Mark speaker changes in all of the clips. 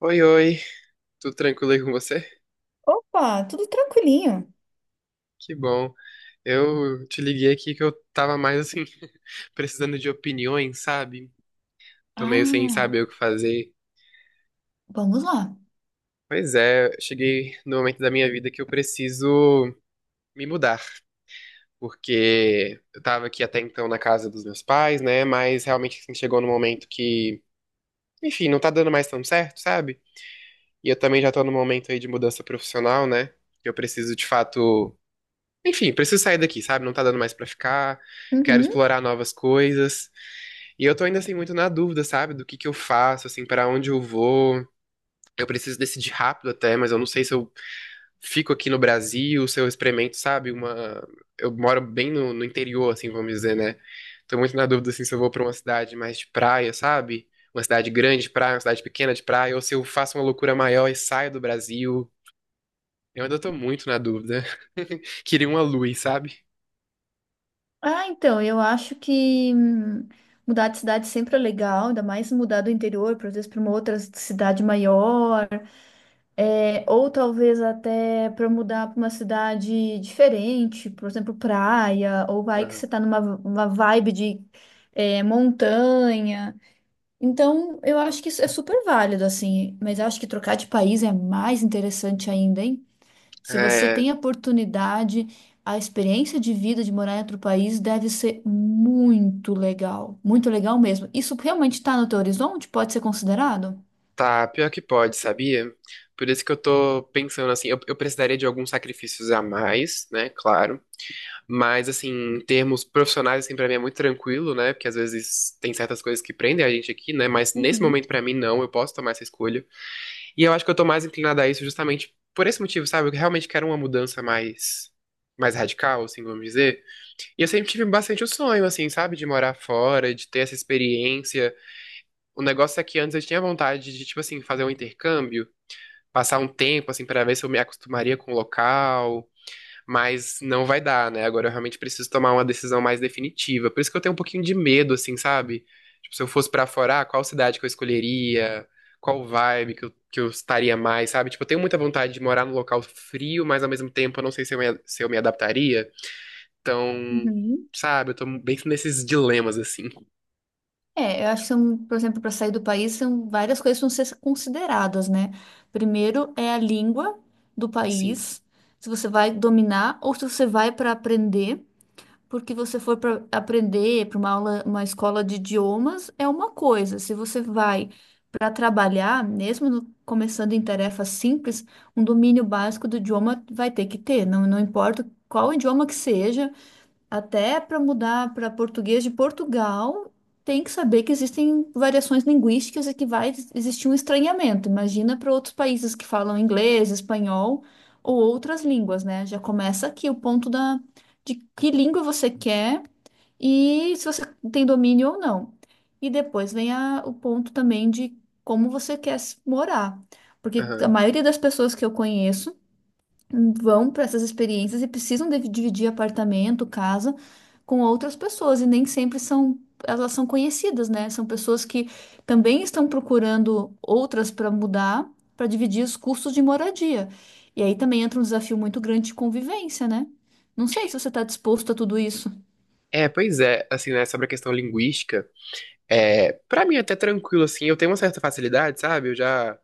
Speaker 1: Oi, oi, tudo tranquilo aí com você?
Speaker 2: Opa, tudo tranquilinho.
Speaker 1: Que bom. Eu te liguei aqui que eu tava mais assim, precisando de opiniões, sabe? Tô meio sem
Speaker 2: Ah,
Speaker 1: saber o que fazer.
Speaker 2: vamos lá.
Speaker 1: Pois é, cheguei no momento da minha vida que eu preciso me mudar, porque eu tava aqui até então na casa dos meus pais, né? Mas realmente assim, chegou no momento que, enfim, não tá dando mais tão certo, sabe? E eu também já tô no momento aí de mudança profissional, né? Eu preciso de fato Enfim, preciso sair daqui, sabe? Não tá dando mais pra ficar. Quero
Speaker 2: Uhum.
Speaker 1: explorar novas coisas. E eu tô ainda assim muito na dúvida, sabe? Do que eu faço, assim, pra onde eu vou. Eu preciso decidir rápido até, mas eu não sei se eu fico aqui no Brasil, se eu experimento, sabe? Uma. Eu moro bem no interior, assim, vamos dizer, né? Tô muito na dúvida, assim, se eu vou pra uma cidade mais de praia, sabe? Uma cidade grande de praia, uma cidade pequena de praia, ou se eu faço uma loucura maior e saio do Brasil. Eu ainda tô muito na dúvida. Queria uma luz, sabe?
Speaker 2: Ah, então, eu acho que mudar de cidade sempre é legal, ainda mais mudar do interior, por exemplo, para uma outra cidade maior, é, ou talvez até para mudar para uma cidade diferente, por exemplo, praia, ou vai que você
Speaker 1: Aham.
Speaker 2: está numa uma vibe de é, montanha. Então, eu acho que isso é super válido, assim, mas eu acho que trocar de país é mais interessante ainda, hein? Se você
Speaker 1: É,
Speaker 2: tem a oportunidade, a experiência de vida de morar em outro país deve ser muito legal mesmo. Isso realmente está no teu horizonte? Pode ser considerado?
Speaker 1: tá, pior que pode, sabia? Por isso que eu tô pensando assim, eu precisaria de alguns sacrifícios a mais, né? Claro. Mas assim, em termos profissionais, assim, pra mim é muito tranquilo, né? Porque às vezes tem certas coisas que prendem a gente aqui, né? Mas nesse
Speaker 2: Uhum,
Speaker 1: momento, pra mim, não, eu posso tomar essa escolha. E eu acho que eu tô mais inclinada a isso justamente por esse motivo, sabe? Eu realmente quero uma mudança mais. Mais radical, assim, vamos dizer. E eu sempre tive bastante o sonho, assim, sabe? De morar fora, de ter essa experiência. O negócio é que antes eu tinha vontade de, tipo assim, fazer um intercâmbio, passar um tempo, assim, para ver se eu me acostumaria com o local, mas não vai dar, né? Agora eu realmente preciso tomar uma decisão mais definitiva. Por isso que eu tenho um pouquinho de medo, assim, sabe? Tipo, se eu fosse pra fora, ah, qual cidade que eu escolheria? Qual vibe que eu estaria mais, sabe? Tipo, eu tenho muita vontade de morar num local frio, mas ao mesmo tempo eu não sei se eu me adaptaria. Então,
Speaker 2: uhum.
Speaker 1: sabe, eu tô bem nesses dilemas, assim.
Speaker 2: É, eu acho que são, por exemplo, para sair do país, são várias coisas que vão ser consideradas, né? Primeiro é a língua do
Speaker 1: Sim.
Speaker 2: país, se você vai dominar ou se você vai para aprender. Porque você for para aprender para uma aula, uma escola de idiomas é uma coisa. Se você vai para trabalhar, mesmo no- começando em tarefas simples, um domínio básico do idioma vai ter que ter. Não, não importa qual idioma que seja, até para mudar para português de Portugal, tem que saber que existem variações linguísticas e que vai existir um estranhamento. Imagina para outros países que falam inglês, espanhol ou outras línguas, né? Já começa aqui o ponto da, de que língua você quer e se você tem domínio ou não. E depois vem a- o ponto também de como você quer s- morar. Porque a
Speaker 1: Aham.
Speaker 2: maioria das pessoas que eu conheço vão para essas experiências e precisam de- dividir apartamento, casa com outras pessoas e nem sempre são elas são conhecidas, né? São pessoas que também estão procurando outras para mudar, para dividir os custos de moradia. E aí também entra um desafio muito grande de convivência, né? Não sei se você está disposto a tudo isso.
Speaker 1: É, pois é, assim, né, sobre a questão linguística. É, pra mim é até tranquilo, assim, eu tenho uma certa facilidade, sabe? Eu já,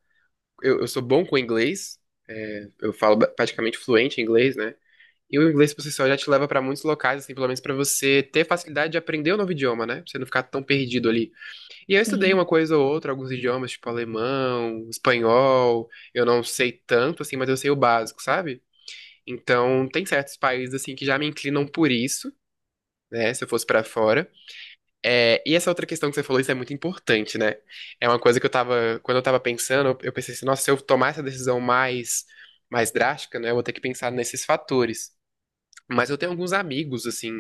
Speaker 1: eu sou bom com inglês, é, eu falo praticamente fluente em inglês, né? E o inglês por si só já te leva pra muitos locais, assim, pelo menos pra você ter facilidade de aprender o novo idioma, né? Pra você não ficar tão perdido ali. E eu estudei
Speaker 2: Sim.
Speaker 1: uma coisa ou outra, alguns idiomas, tipo alemão, espanhol, eu não sei tanto, assim, mas eu sei o básico, sabe? Então, tem certos países, assim, que já me inclinam por isso, né? Se eu fosse pra fora. É, e essa outra questão que você falou, isso é muito importante, né? É uma coisa que eu tava, quando eu tava pensando, eu pensei assim, nossa, se eu tomar essa decisão mais, mais drástica, né, eu vou ter que pensar nesses fatores. Mas eu tenho alguns amigos, assim,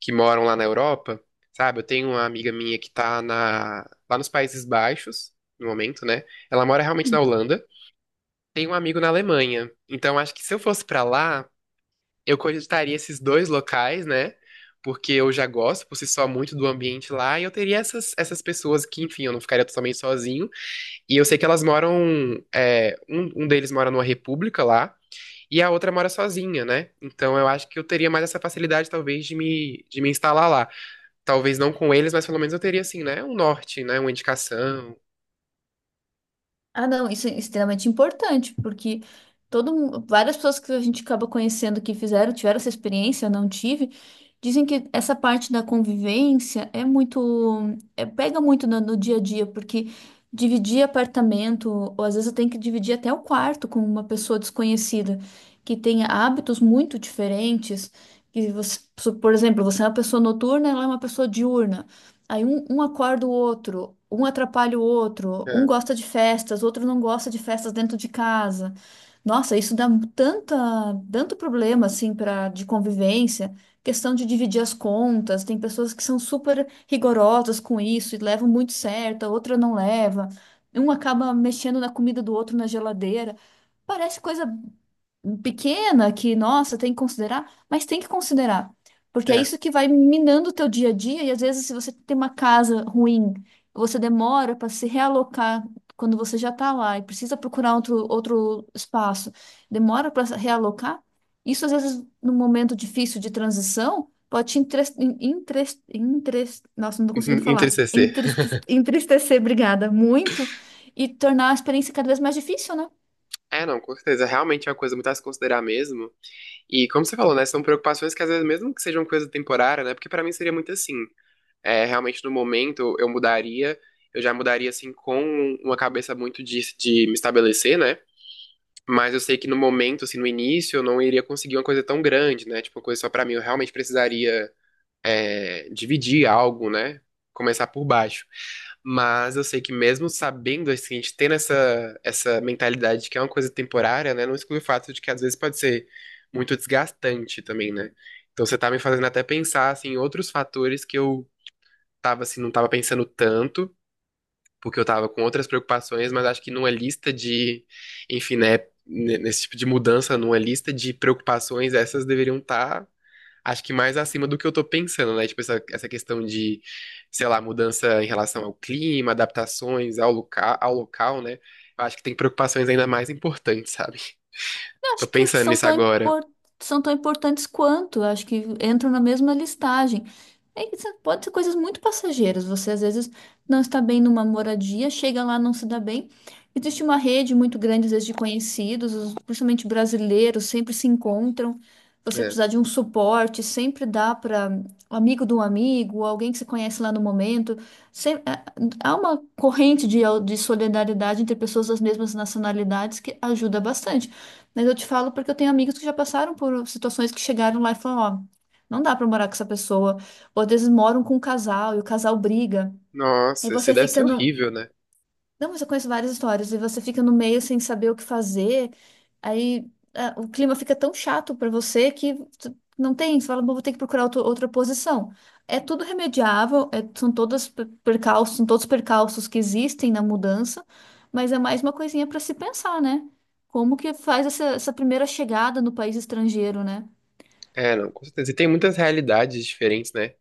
Speaker 1: que moram lá na Europa, sabe? Eu tenho uma amiga minha que tá na, lá nos Países Baixos, no momento, né? Ela mora realmente na Holanda. Tem um amigo na Alemanha. Então, acho que se eu fosse pra lá, eu cogitaria esses dois locais, né? Porque eu já gosto por si só muito do ambiente lá, e eu teria essas, essas pessoas que, enfim, eu não ficaria totalmente sozinho. E eu sei que elas moram. É, um deles mora numa república lá, e a outra mora sozinha, né? Então eu acho que eu teria mais essa facilidade, talvez, de me instalar lá. Talvez não com eles, mas pelo menos eu teria, assim, né? Um norte, né? Uma indicação.
Speaker 2: Ah, não, isso é extremamente importante, porque todo, mu- várias pessoas que a gente acaba conhecendo que fizeram, tiveram essa experiência, eu não tive. Dizem que essa parte da convivência é muito, é- pega muito no dia a dia, porque dividir apartamento, ou às vezes eu tenho que dividir até o quarto com uma pessoa desconhecida, que tenha hábitos muito diferentes, que você, so- por exemplo, você é uma pessoa noturna, ela é uma pessoa diurna. Aí um acorda o outro, um atrapalha o outro, um
Speaker 1: É,
Speaker 2: gosta de festas, outro não gosta de festas dentro de casa. Nossa, isso dá tanta, tanto problema assim para de convivência, questão de dividir as contas, tem pessoas que são super rigorosas com isso e levam muito certo, a outra não leva. Um acaba mexendo na comida do outro na geladeira. Parece coisa pequena que, nossa, tem que considerar, mas tem que considerar, porque é
Speaker 1: é.
Speaker 2: isso que vai minando o teu dia a dia e às vezes se você tem uma casa ruim, você demora para se realocar quando você já está lá e precisa procurar outro espaço, demora para realocar, isso às vezes num momento difícil de transição pode te nossa, não estou conseguindo falar.
Speaker 1: Entristecer.
Speaker 2: Entristecer, obrigada, muito, e tornar a experiência cada vez mais difícil, né?
Speaker 1: É, não, com certeza. Realmente é uma coisa muito a se considerar mesmo. E como você falou, né, são preocupações que às vezes, mesmo que sejam coisa temporária, né, porque pra mim seria muito assim, é, realmente no momento eu mudaria, eu já mudaria assim com uma cabeça muito de me estabelecer, né, mas eu sei que no momento, assim, no início, eu não iria conseguir uma coisa tão grande, né, tipo, uma coisa só pra mim, eu realmente precisaria é, dividir algo, né? Começar por baixo. Mas eu sei que mesmo sabendo, assim, a gente tendo essa, essa mentalidade de que é uma coisa temporária, né? Não exclui o fato de que às vezes pode ser muito desgastante também, né? Então você tá me fazendo até pensar, assim, em outros fatores que eu tava, assim, não tava pensando tanto, porque eu tava com outras preocupações, mas acho que numa lista de, enfim, né? Nesse tipo de mudança, numa lista de preocupações, essas deveriam estar acho que mais acima do que eu tô pensando, né? Tipo, essa questão de, sei lá, mudança em relação ao clima, adaptações ao local, né? Eu acho que tem preocupações ainda mais importantes, sabe?
Speaker 2: Eu
Speaker 1: Tô
Speaker 2: Acho que
Speaker 1: pensando
Speaker 2: são
Speaker 1: nisso
Speaker 2: tão,
Speaker 1: agora.
Speaker 2: impor- São tão importantes quanto, eu acho que entram na mesma listagem. É que isso pode ser coisas muito passageiras. Você às vezes não está bem numa moradia, chega lá, não se dá bem. Existe uma rede muito grande, às vezes, de conhecidos, os- principalmente brasileiros, sempre se encontram. Você
Speaker 1: É.
Speaker 2: precisar de um suporte, sempre dá para um amigo de um amigo, alguém que se conhece lá no momento. Sem- é- Há uma corrente de solidariedade entre pessoas das mesmas nacionalidades que ajuda bastante. Mas eu te falo porque eu tenho amigos que já passaram por situações que chegaram lá e falaram, ó, não dá pra morar com essa pessoa. Ou às vezes moram com um casal e o casal briga. E
Speaker 1: Nossa, isso
Speaker 2: você
Speaker 1: deve ser
Speaker 2: fica no,
Speaker 1: horrível, né?
Speaker 2: não, mas eu conheço várias histórias e você fica no meio sem saber o que fazer. Aí ah, o clima fica tão chato pra você que tu- não tem. Você fala, "Bom, vou ter que procurar outra posição." É tudo remediável, é- são todas per- percalços, são todos percalços que existem na mudança, mas é mais uma coisinha pra se pensar, né? Como que faz essa, essa primeira chegada no país estrangeiro, né?
Speaker 1: É, não, com certeza. E tem muitas realidades diferentes, né?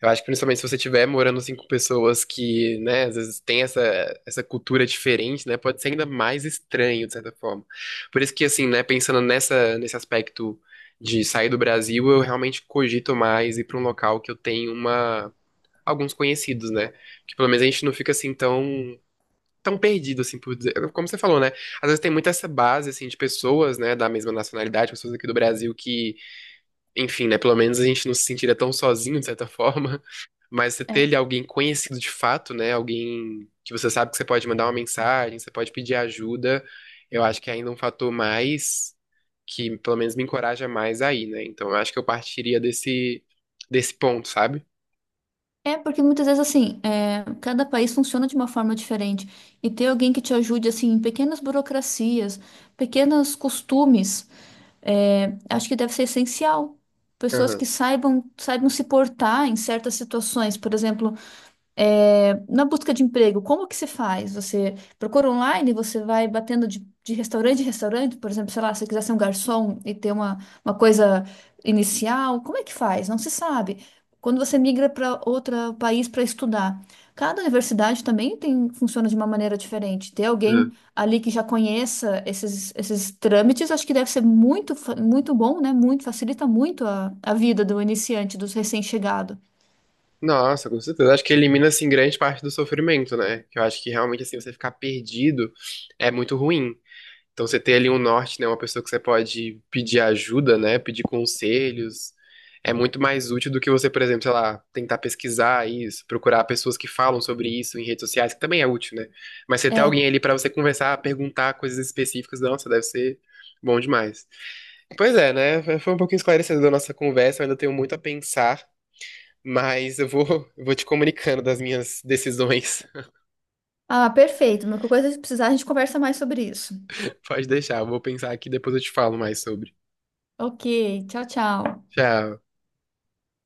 Speaker 1: Eu acho que principalmente se você estiver morando assim, com pessoas que, né, às vezes tem essa, essa cultura diferente, né, pode ser ainda mais estranho, de certa forma. Por isso que, assim, né, pensando nessa, nesse aspecto de sair do Brasil, eu realmente cogito mais ir para um local que eu tenho uma, alguns conhecidos, né? Que pelo menos a gente não fica assim tão. Tão perdido, assim, por dizer. Como você falou, né? Às vezes tem muito essa base, assim, de pessoas, né, da mesma nacionalidade, pessoas aqui do Brasil que, enfim, né, pelo menos a gente não se sentiria tão sozinho, de certa forma. Mas você ter ali alguém conhecido de fato, né? Alguém que você sabe que você pode mandar uma mensagem, você pode pedir ajuda, eu acho que é ainda um fator mais que pelo menos me encoraja mais aí, né? Então eu acho que eu partiria desse, desse ponto, sabe?
Speaker 2: É, porque muitas vezes, assim, é, cada país funciona de uma forma diferente. E ter alguém que te ajude, assim, em pequenas burocracias, pequenos costumes, é, acho que deve ser essencial. Pessoas
Speaker 1: Aham.
Speaker 2: que saibam, saibam se portar em certas situações. Por exemplo, é, na busca de emprego, como que você faz? Você procura online, você vai batendo de restaurante em restaurante, por exemplo, sei lá, se você quiser ser um garçom e ter uma coisa inicial, como é que faz? Não se sabe. Quando você migra para outro país para estudar, cada universidade também tem, funciona de uma maneira diferente. Ter alguém
Speaker 1: Aham.
Speaker 2: ali que já conheça esses trâmites, acho que deve ser muito, muito bom, né? Muito, facilita muito a vida do iniciante, dos recém-chegados.
Speaker 1: Nossa, com certeza. Eu acho que elimina, assim, grande parte do sofrimento, né? Que eu acho que realmente, assim, você ficar perdido é muito ruim. Então você tem ali um norte, né? Uma pessoa que você pode pedir ajuda, né? Pedir conselhos. É muito mais útil do que você, por exemplo, sei lá, tentar pesquisar isso, procurar pessoas que falam sobre isso em redes sociais, que também é útil, né? Mas você ter alguém ali pra você conversar, perguntar coisas específicas, nossa, deve ser bom demais. Pois é, né? Foi um pouquinho esclarecedor a nossa conversa, eu ainda tenho muito a pensar, mas eu vou te comunicando das minhas decisões.
Speaker 2: Ah, perfeito. Mas qualquer coisa que precisar, a gente conversa mais sobre isso.
Speaker 1: Pode deixar, eu vou pensar aqui, depois eu te falo mais sobre.
Speaker 2: Ok, tchau, tchau.
Speaker 1: Tchau.